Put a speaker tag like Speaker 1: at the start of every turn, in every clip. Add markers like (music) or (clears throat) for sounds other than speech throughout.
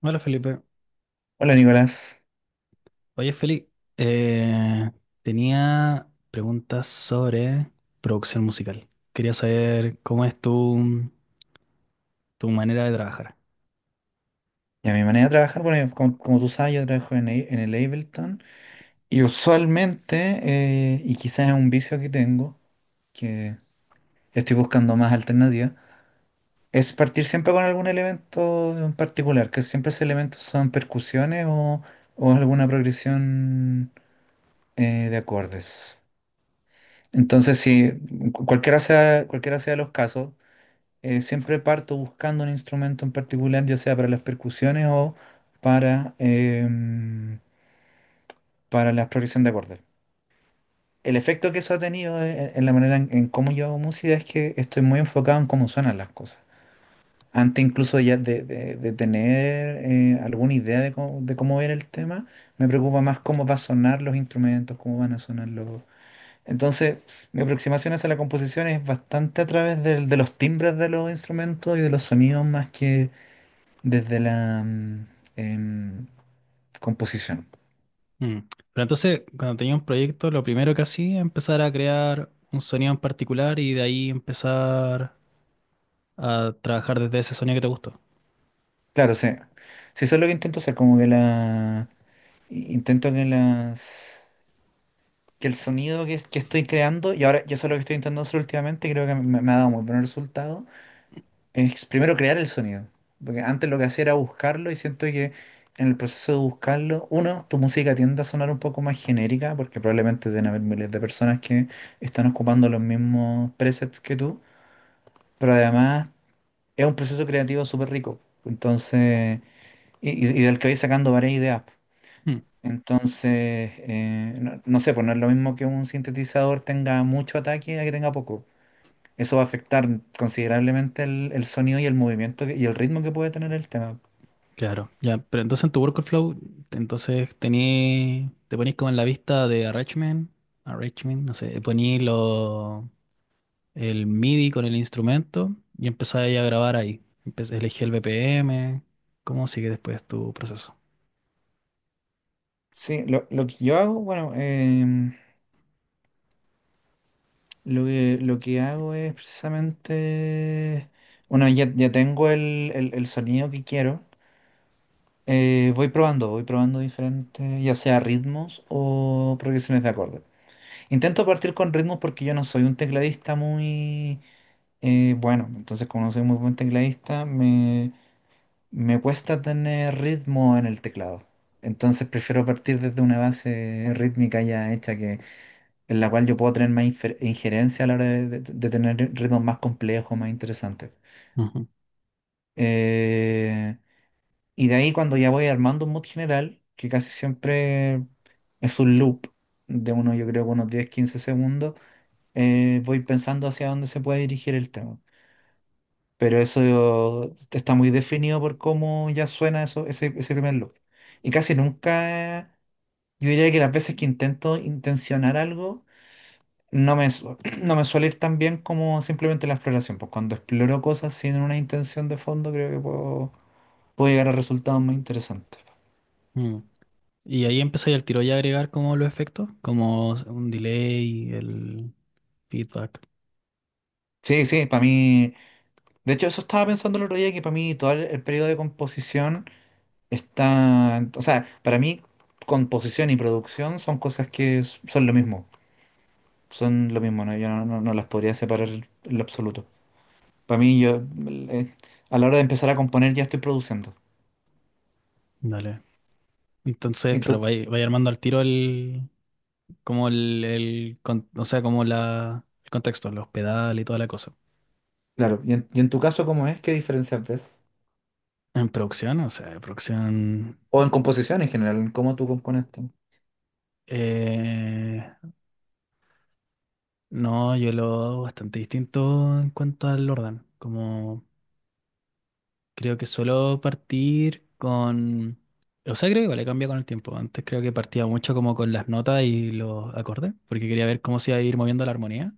Speaker 1: Hola Felipe.
Speaker 2: Hola, Nicolás.
Speaker 1: Oye Felipe, eh, tenía preguntas sobre producción musical. Quería saber cómo es tu manera de trabajar.
Speaker 2: Y a mi manera de trabajar, bueno, yo, como tú sabes, yo trabajo en el Ableton y usualmente, y quizás es un vicio que tengo, que estoy buscando más alternativas, es partir siempre con algún elemento en particular, que siempre esos elementos son percusiones o alguna progresión de acordes. Entonces, si cualquiera sea los casos, siempre parto buscando un instrumento en particular, ya sea para las percusiones o para, em, para la progresión de acordes. El efecto que eso ha tenido, en la manera en cómo yo hago música es que estoy muy enfocado en cómo suenan las cosas. Antes, incluso ya de tener, alguna idea de cómo era el tema, me preocupa más cómo va a sonar los instrumentos, cómo van a sonar los... Entonces, mi aproximación hacia la composición es bastante a través de los timbres de los instrumentos y de los sonidos más que desde la em, composición.
Speaker 1: Mm. Pero entonces, cuando tenía un proyecto, lo primero que hacía era empezar a crear un sonido en particular y de ahí empezar a trabajar desde ese sonido que te gustó.
Speaker 2: Claro, sí. Sí, eso es lo que intento hacer, como que la... intento que las... que el sonido que estoy creando, y ahora, y eso es lo que estoy intentando hacer últimamente, creo que me ha dado muy buen resultado, es primero crear el sonido. Porque antes lo que hacía era buscarlo y siento que en el proceso de buscarlo, uno, tu música tiende a sonar un poco más genérica, porque probablemente deben haber miles de personas que están ocupando los mismos presets que tú. Pero además es un proceso creativo súper rico. Entonces, y del que vais sacando varias ideas.
Speaker 1: Mm.
Speaker 2: Entonces, no sé, pues no es lo mismo que un sintetizador tenga mucho ataque a que tenga poco. Eso va a afectar considerablemente el sonido y el movimiento y el ritmo que puede tener el tema.
Speaker 1: Claro, ya. Pero entonces en tu workflow, entonces tení, te ponís como en la vista de arrangement, arrangement, no sé, poní los el MIDI con el instrumento y empezaba ahí a grabar ahí. Empecé, elegí el BPM, cómo sigue después tu proceso.
Speaker 2: Sí, lo que yo hago, bueno, lo que hago es precisamente, bueno, ya tengo el sonido que quiero. Voy probando, voy probando diferentes, ya sea ritmos o progresiones de acorde. Intento partir con ritmos porque yo no soy un tecladista muy, bueno, entonces como no soy muy buen tecladista, me cuesta tener ritmo en el teclado. Entonces prefiero partir desde una base rítmica ya hecha, que, en la cual yo puedo tener más injerencia a la hora de tener ritmos más complejos, más interesantes.
Speaker 1: Ujú.
Speaker 2: Eh, Y de ahí cuando ya voy armando un mood general, que casi siempre es un loop de uno, yo creo, unos 10 15 segundos, voy pensando hacia dónde se puede dirigir el tema. Pero eso está muy definido por cómo ya suena ese primer loop. Y casi nunca, yo diría que las veces que intento intencionar algo, no me, su- (clears throat) no me suele ir tan bien como simplemente la exploración. Pues cuando exploro cosas sin una intención de fondo, creo que puedo llegar a resultados más interesantes.
Speaker 1: Mm. Y ahí empecé al tiro ya a agregar como los efectos, como un delay, el feedback.
Speaker 2: Sí, sí, para mí. De hecho, eso estaba pensando el otro día, que para mí todo el periodo de composición está. O sea, para mí, composición y producción son cosas que son lo mismo. Son lo mismo, ¿no? Yo no las podría separar en lo absoluto. Para mí, yo, a la hora de empezar a componer, ya estoy produciendo.
Speaker 1: Dale. Entonces,
Speaker 2: Y
Speaker 1: claro,
Speaker 2: tú,
Speaker 1: vaya armando al tiro el, como el, o sea, como la, el contexto, los pedales y toda la cosa.
Speaker 2: claro, y en tu caso, ¿cómo es? ¿Qué diferencia ves?
Speaker 1: En producción, o sea, producción,
Speaker 2: O en composición en general, en cómo tú compones, tú.
Speaker 1: eh, no, yo lo hago bastante distinto en cuanto al orden. Como creo que suelo partir con... O sea, creo que vale, cambia con el tiempo. Antes creo que partía mucho como con las notas y los acordes, porque quería ver cómo se iba a ir moviendo la armonía.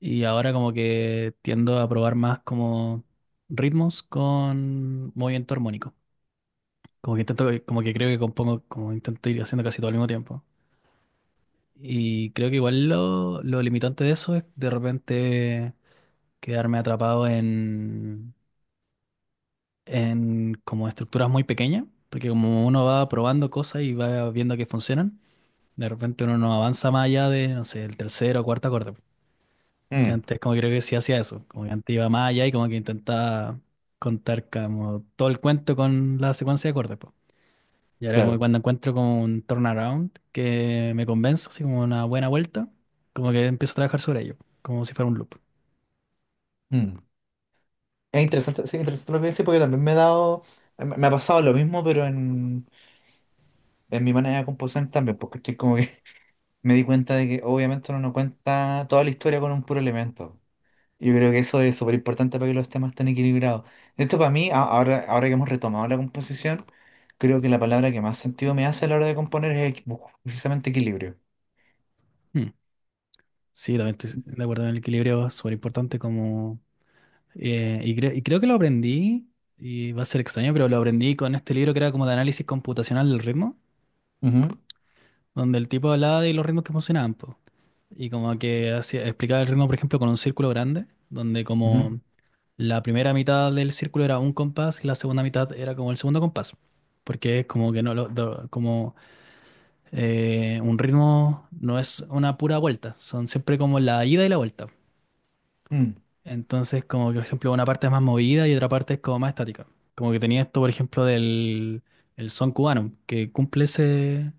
Speaker 1: Y ahora como que tiendo a probar más como ritmos con movimiento armónico. Como que intento, como que creo que compongo, como intento ir haciendo casi todo al mismo tiempo. Y creo que igual lo limitante de eso es de repente quedarme atrapado en como estructuras muy pequeñas, porque como uno va probando cosas y va viendo que funcionan, de repente uno no avanza más allá de, no sé, el tercero o cuarto acorde. Que
Speaker 2: Mm,
Speaker 1: antes como creo que sí hacía eso, como que antes iba más allá y como que intentaba contar como todo el cuento con la secuencia de acordes, po. Y ahora como que
Speaker 2: claro.
Speaker 1: cuando encuentro como un turnaround que me convence, así como una buena vuelta, como que empiezo a trabajar sobre ello, como si fuera un loop.
Speaker 2: Mm. Es interesante, sí, interesante lo que dices porque también me he dado, me ha pasado lo mismo, pero en mi manera de componer también, porque estoy como que (laughs) me di cuenta de que obviamente uno no cuenta toda la historia con un puro elemento. Yo creo que eso es súper importante para que los temas estén equilibrados. Esto para mí, ahora que hemos retomado la composición, creo que la palabra que más sentido me hace a la hora de componer es precisamente equilibrio.
Speaker 1: Hmm. Sí, también estoy de acuerdo en el equilibrio, es súper importante como... y creo que lo aprendí, y va a ser extraño, pero lo aprendí con este libro que era como de análisis computacional del ritmo,
Speaker 2: Ujú,
Speaker 1: donde el tipo hablaba de los ritmos que funcionaban, po. Y como que hacía, explicaba el ritmo, por ejemplo, con un círculo grande, donde
Speaker 2: ujú.
Speaker 1: como la primera mitad del círculo era un compás y la segunda mitad era como el segundo compás. Porque es como que no lo- do- como un ritmo no es una pura vuelta, son siempre como la ida y la vuelta.
Speaker 2: Mm,
Speaker 1: Entonces, como que, por ejemplo, una parte es más movida y otra parte es como más estática. Como que tenía esto, por ejemplo, del el son cubano, que cumple ese,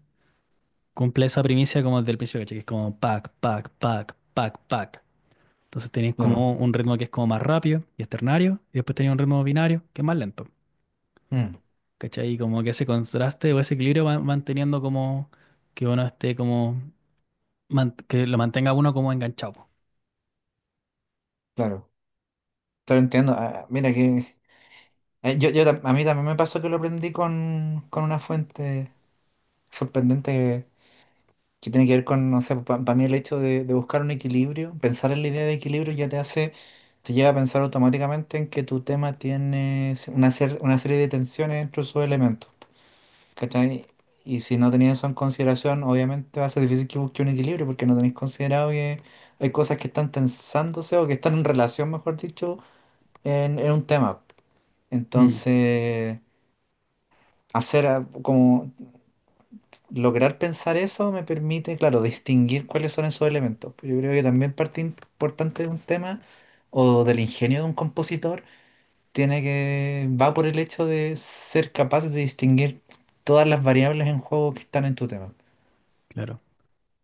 Speaker 1: cumple esa primicia como desde el principio, ¿cachai? Que es como pac, pac, pac, pac, pac. Entonces tenéis como
Speaker 2: claro.
Speaker 1: un ritmo que es como más rápido y es ternario, y después tenéis un ritmo binario que es más lento,
Speaker 2: Mm,
Speaker 1: ¿cachai? Y como que ese contraste o ese equilibrio va manteniendo como que uno esté como, que lo mantenga uno como enganchado, po.
Speaker 2: claro, claro, entiendo. Ah, ah, mira que, a mí también me pasó que lo aprendí con una fuente sorprendente que tiene que ver con, no sé, para mí el hecho de buscar un equilibrio. Pensar en la idea de equilibrio ya te hace, te lleva a pensar automáticamente en que tu tema tiene una serie de tensiones entre sus elementos, ¿cachai? Y si no tenías eso en consideración, obviamente va a ser difícil que busque un equilibrio porque no tenéis considerado que hay cosas que están tensándose o que están en relación, mejor dicho, en un tema.
Speaker 1: Mm,
Speaker 2: Entonces, como lograr pensar eso me permite, claro, distinguir cuáles son esos elementos. Pues yo creo que también parte importante de un tema o del ingenio de un compositor tiene que va por el hecho de ser capaz de distinguir todas las variables en juego que están en tu tema.
Speaker 1: claro.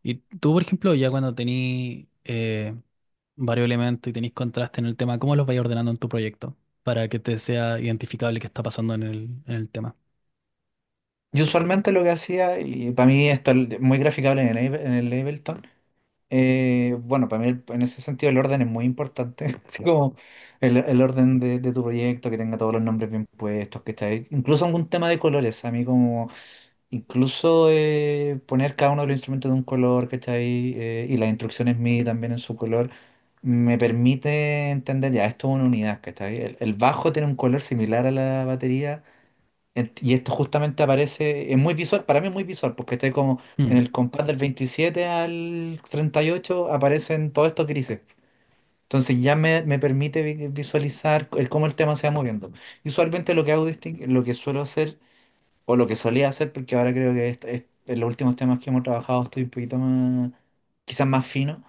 Speaker 1: Y tú, por ejemplo, ya cuando tenís varios elementos y tenís contraste en el tema, ¿cómo los vais ordenando en tu proyecto para que te sea identificable qué está pasando en el tema?
Speaker 2: Yo, usualmente lo que hacía, y para mí esto es muy graficable en el Ableton. Bueno, para mí en ese sentido el orden es muy importante, (laughs) así como el orden de tu proyecto, que tenga todos los nombres bien puestos, que está incluso algún tema de colores, a mí como incluso, poner cada uno de los instrumentos de un color, ¿cachai? Y las instrucciones MIDI también en su color, me permite entender, ya, esto es una unidad, ¿cachai? El bajo tiene un color similar a la batería, y esto justamente aparece, es muy visual, para mí es muy visual, porque está como en
Speaker 1: Mm,
Speaker 2: el compás del 27 al 38 aparecen todos estos grises. Entonces ya me permite visualizar cómo el tema se va moviendo. Y usualmente lo que suelo hacer o lo que solía hacer, porque ahora creo que en los últimos temas que hemos trabajado estoy un poquito más, quizás más fino,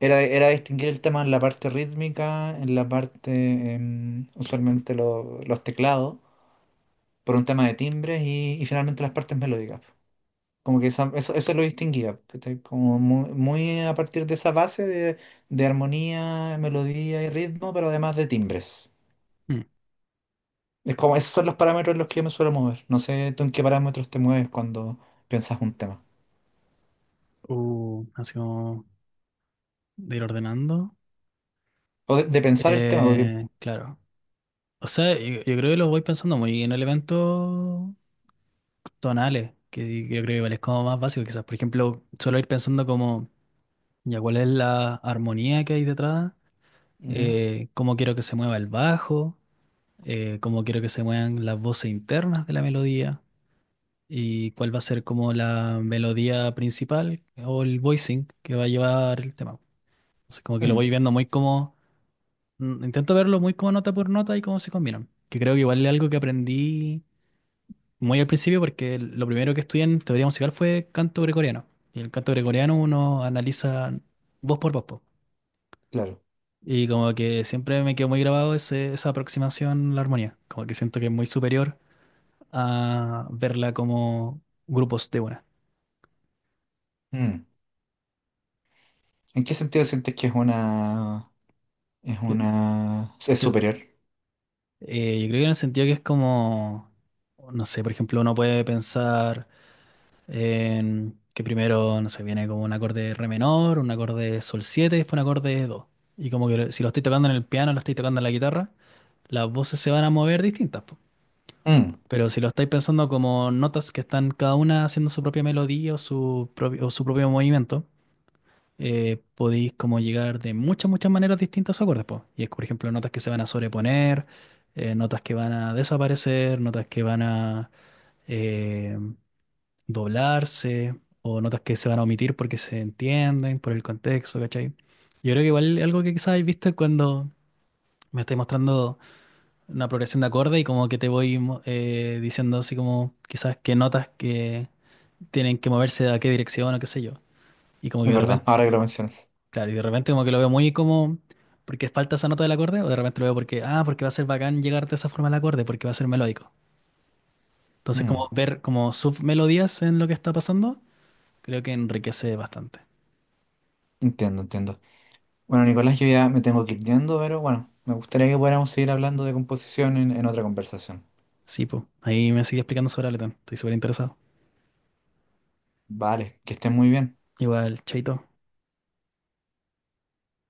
Speaker 2: era distinguir el tema en la parte rítmica, en la parte, usualmente los teclados, por un tema de timbres y finalmente las partes melódicas. Como que eso lo distinguía, ¿cachai? Como muy, muy a partir de esa base de armonía, melodía y ritmo, pero además de timbres.
Speaker 1: mm.
Speaker 2: Es como, esos son los parámetros en los que yo me suelo mover. No sé tú en qué parámetros te mueves cuando piensas un tema.
Speaker 1: Así como de ir ordenando.
Speaker 2: O de pensar el tema, porque...
Speaker 1: Claro. O sea, yo creo que los voy pensando muy en elementos tonales, que yo creo que igual es como más básico, quizás. Por ejemplo, solo ir pensando como, ya cuál es la armonía que hay detrás,
Speaker 2: Ujú.
Speaker 1: cómo quiero que se mueva el bajo, cómo quiero que se muevan las voces internas de la melodía y cuál va a ser como la melodía principal o el voicing que va a llevar el tema. Entonces, como que lo
Speaker 2: Mm,
Speaker 1: voy viendo muy como, mm, intento verlo muy como nota por nota y cómo se combinan, que creo que igual es algo que aprendí muy al principio porque lo primero que estudié en teoría musical fue canto gregoriano. Y el canto gregoriano uno analiza voz por voz, po.
Speaker 2: claro.
Speaker 1: Y como que siempre me quedó muy grabado esa aproximación a la armonía. Como que siento que es muy superior a verla como grupos de buenas.
Speaker 2: Mm. ¿En qué sentido sientes que es
Speaker 1: Que- que-
Speaker 2: superior?
Speaker 1: yo creo que en el sentido que es como, no sé, por ejemplo, uno puede pensar en que primero, no sé, viene como un acorde re menor, un acorde sol 7, y después un acorde do. Y como que si lo estoy tocando en el piano, lo estoy tocando en la guitarra, las voces se van a mover distintas, po.
Speaker 2: Mm,
Speaker 1: Pero si lo estáis pensando como notas que están cada una haciendo su propia melodía o su propio movimiento, podéis como llegar de muchas, muchas maneras distintas a acordes, po. Y es, por ejemplo, notas que se van a sobreponer, notas que van a desaparecer, notas que van a eh, doblarse, o notas que se van a omitir porque se entienden por el contexto, ¿cachai? Yo creo que igual algo que quizás habéis visto es cuando me estáis mostrando una progresión de acorde y como que te voy diciendo así como quizás qué notas que tienen que moverse a qué dirección o qué sé yo. Y como que
Speaker 2: es
Speaker 1: de
Speaker 2: verdad,
Speaker 1: repente...
Speaker 2: ahora que lo mencionas.
Speaker 1: Claro, y de repente como que lo veo muy como porque falta esa nota del acorde, o de repente lo veo porque, ah, porque va a ser bacán llegar de esa forma al acorde, porque va a ser melódico. Entonces, como
Speaker 2: Mm,
Speaker 1: ver como submelodías en lo que está pasando, creo que enriquece bastante.
Speaker 2: entiendo, entiendo. Bueno, Nicolás, yo ya me tengo que ir yendo, pero bueno, me gustaría que pudiéramos seguir hablando de composición en otra conversación.
Speaker 1: Sí, pues. Ahí me sigue explicando sobre Ableton. Estoy súper interesado.
Speaker 2: Vale, que estén muy bien.
Speaker 1: Igual, chaito.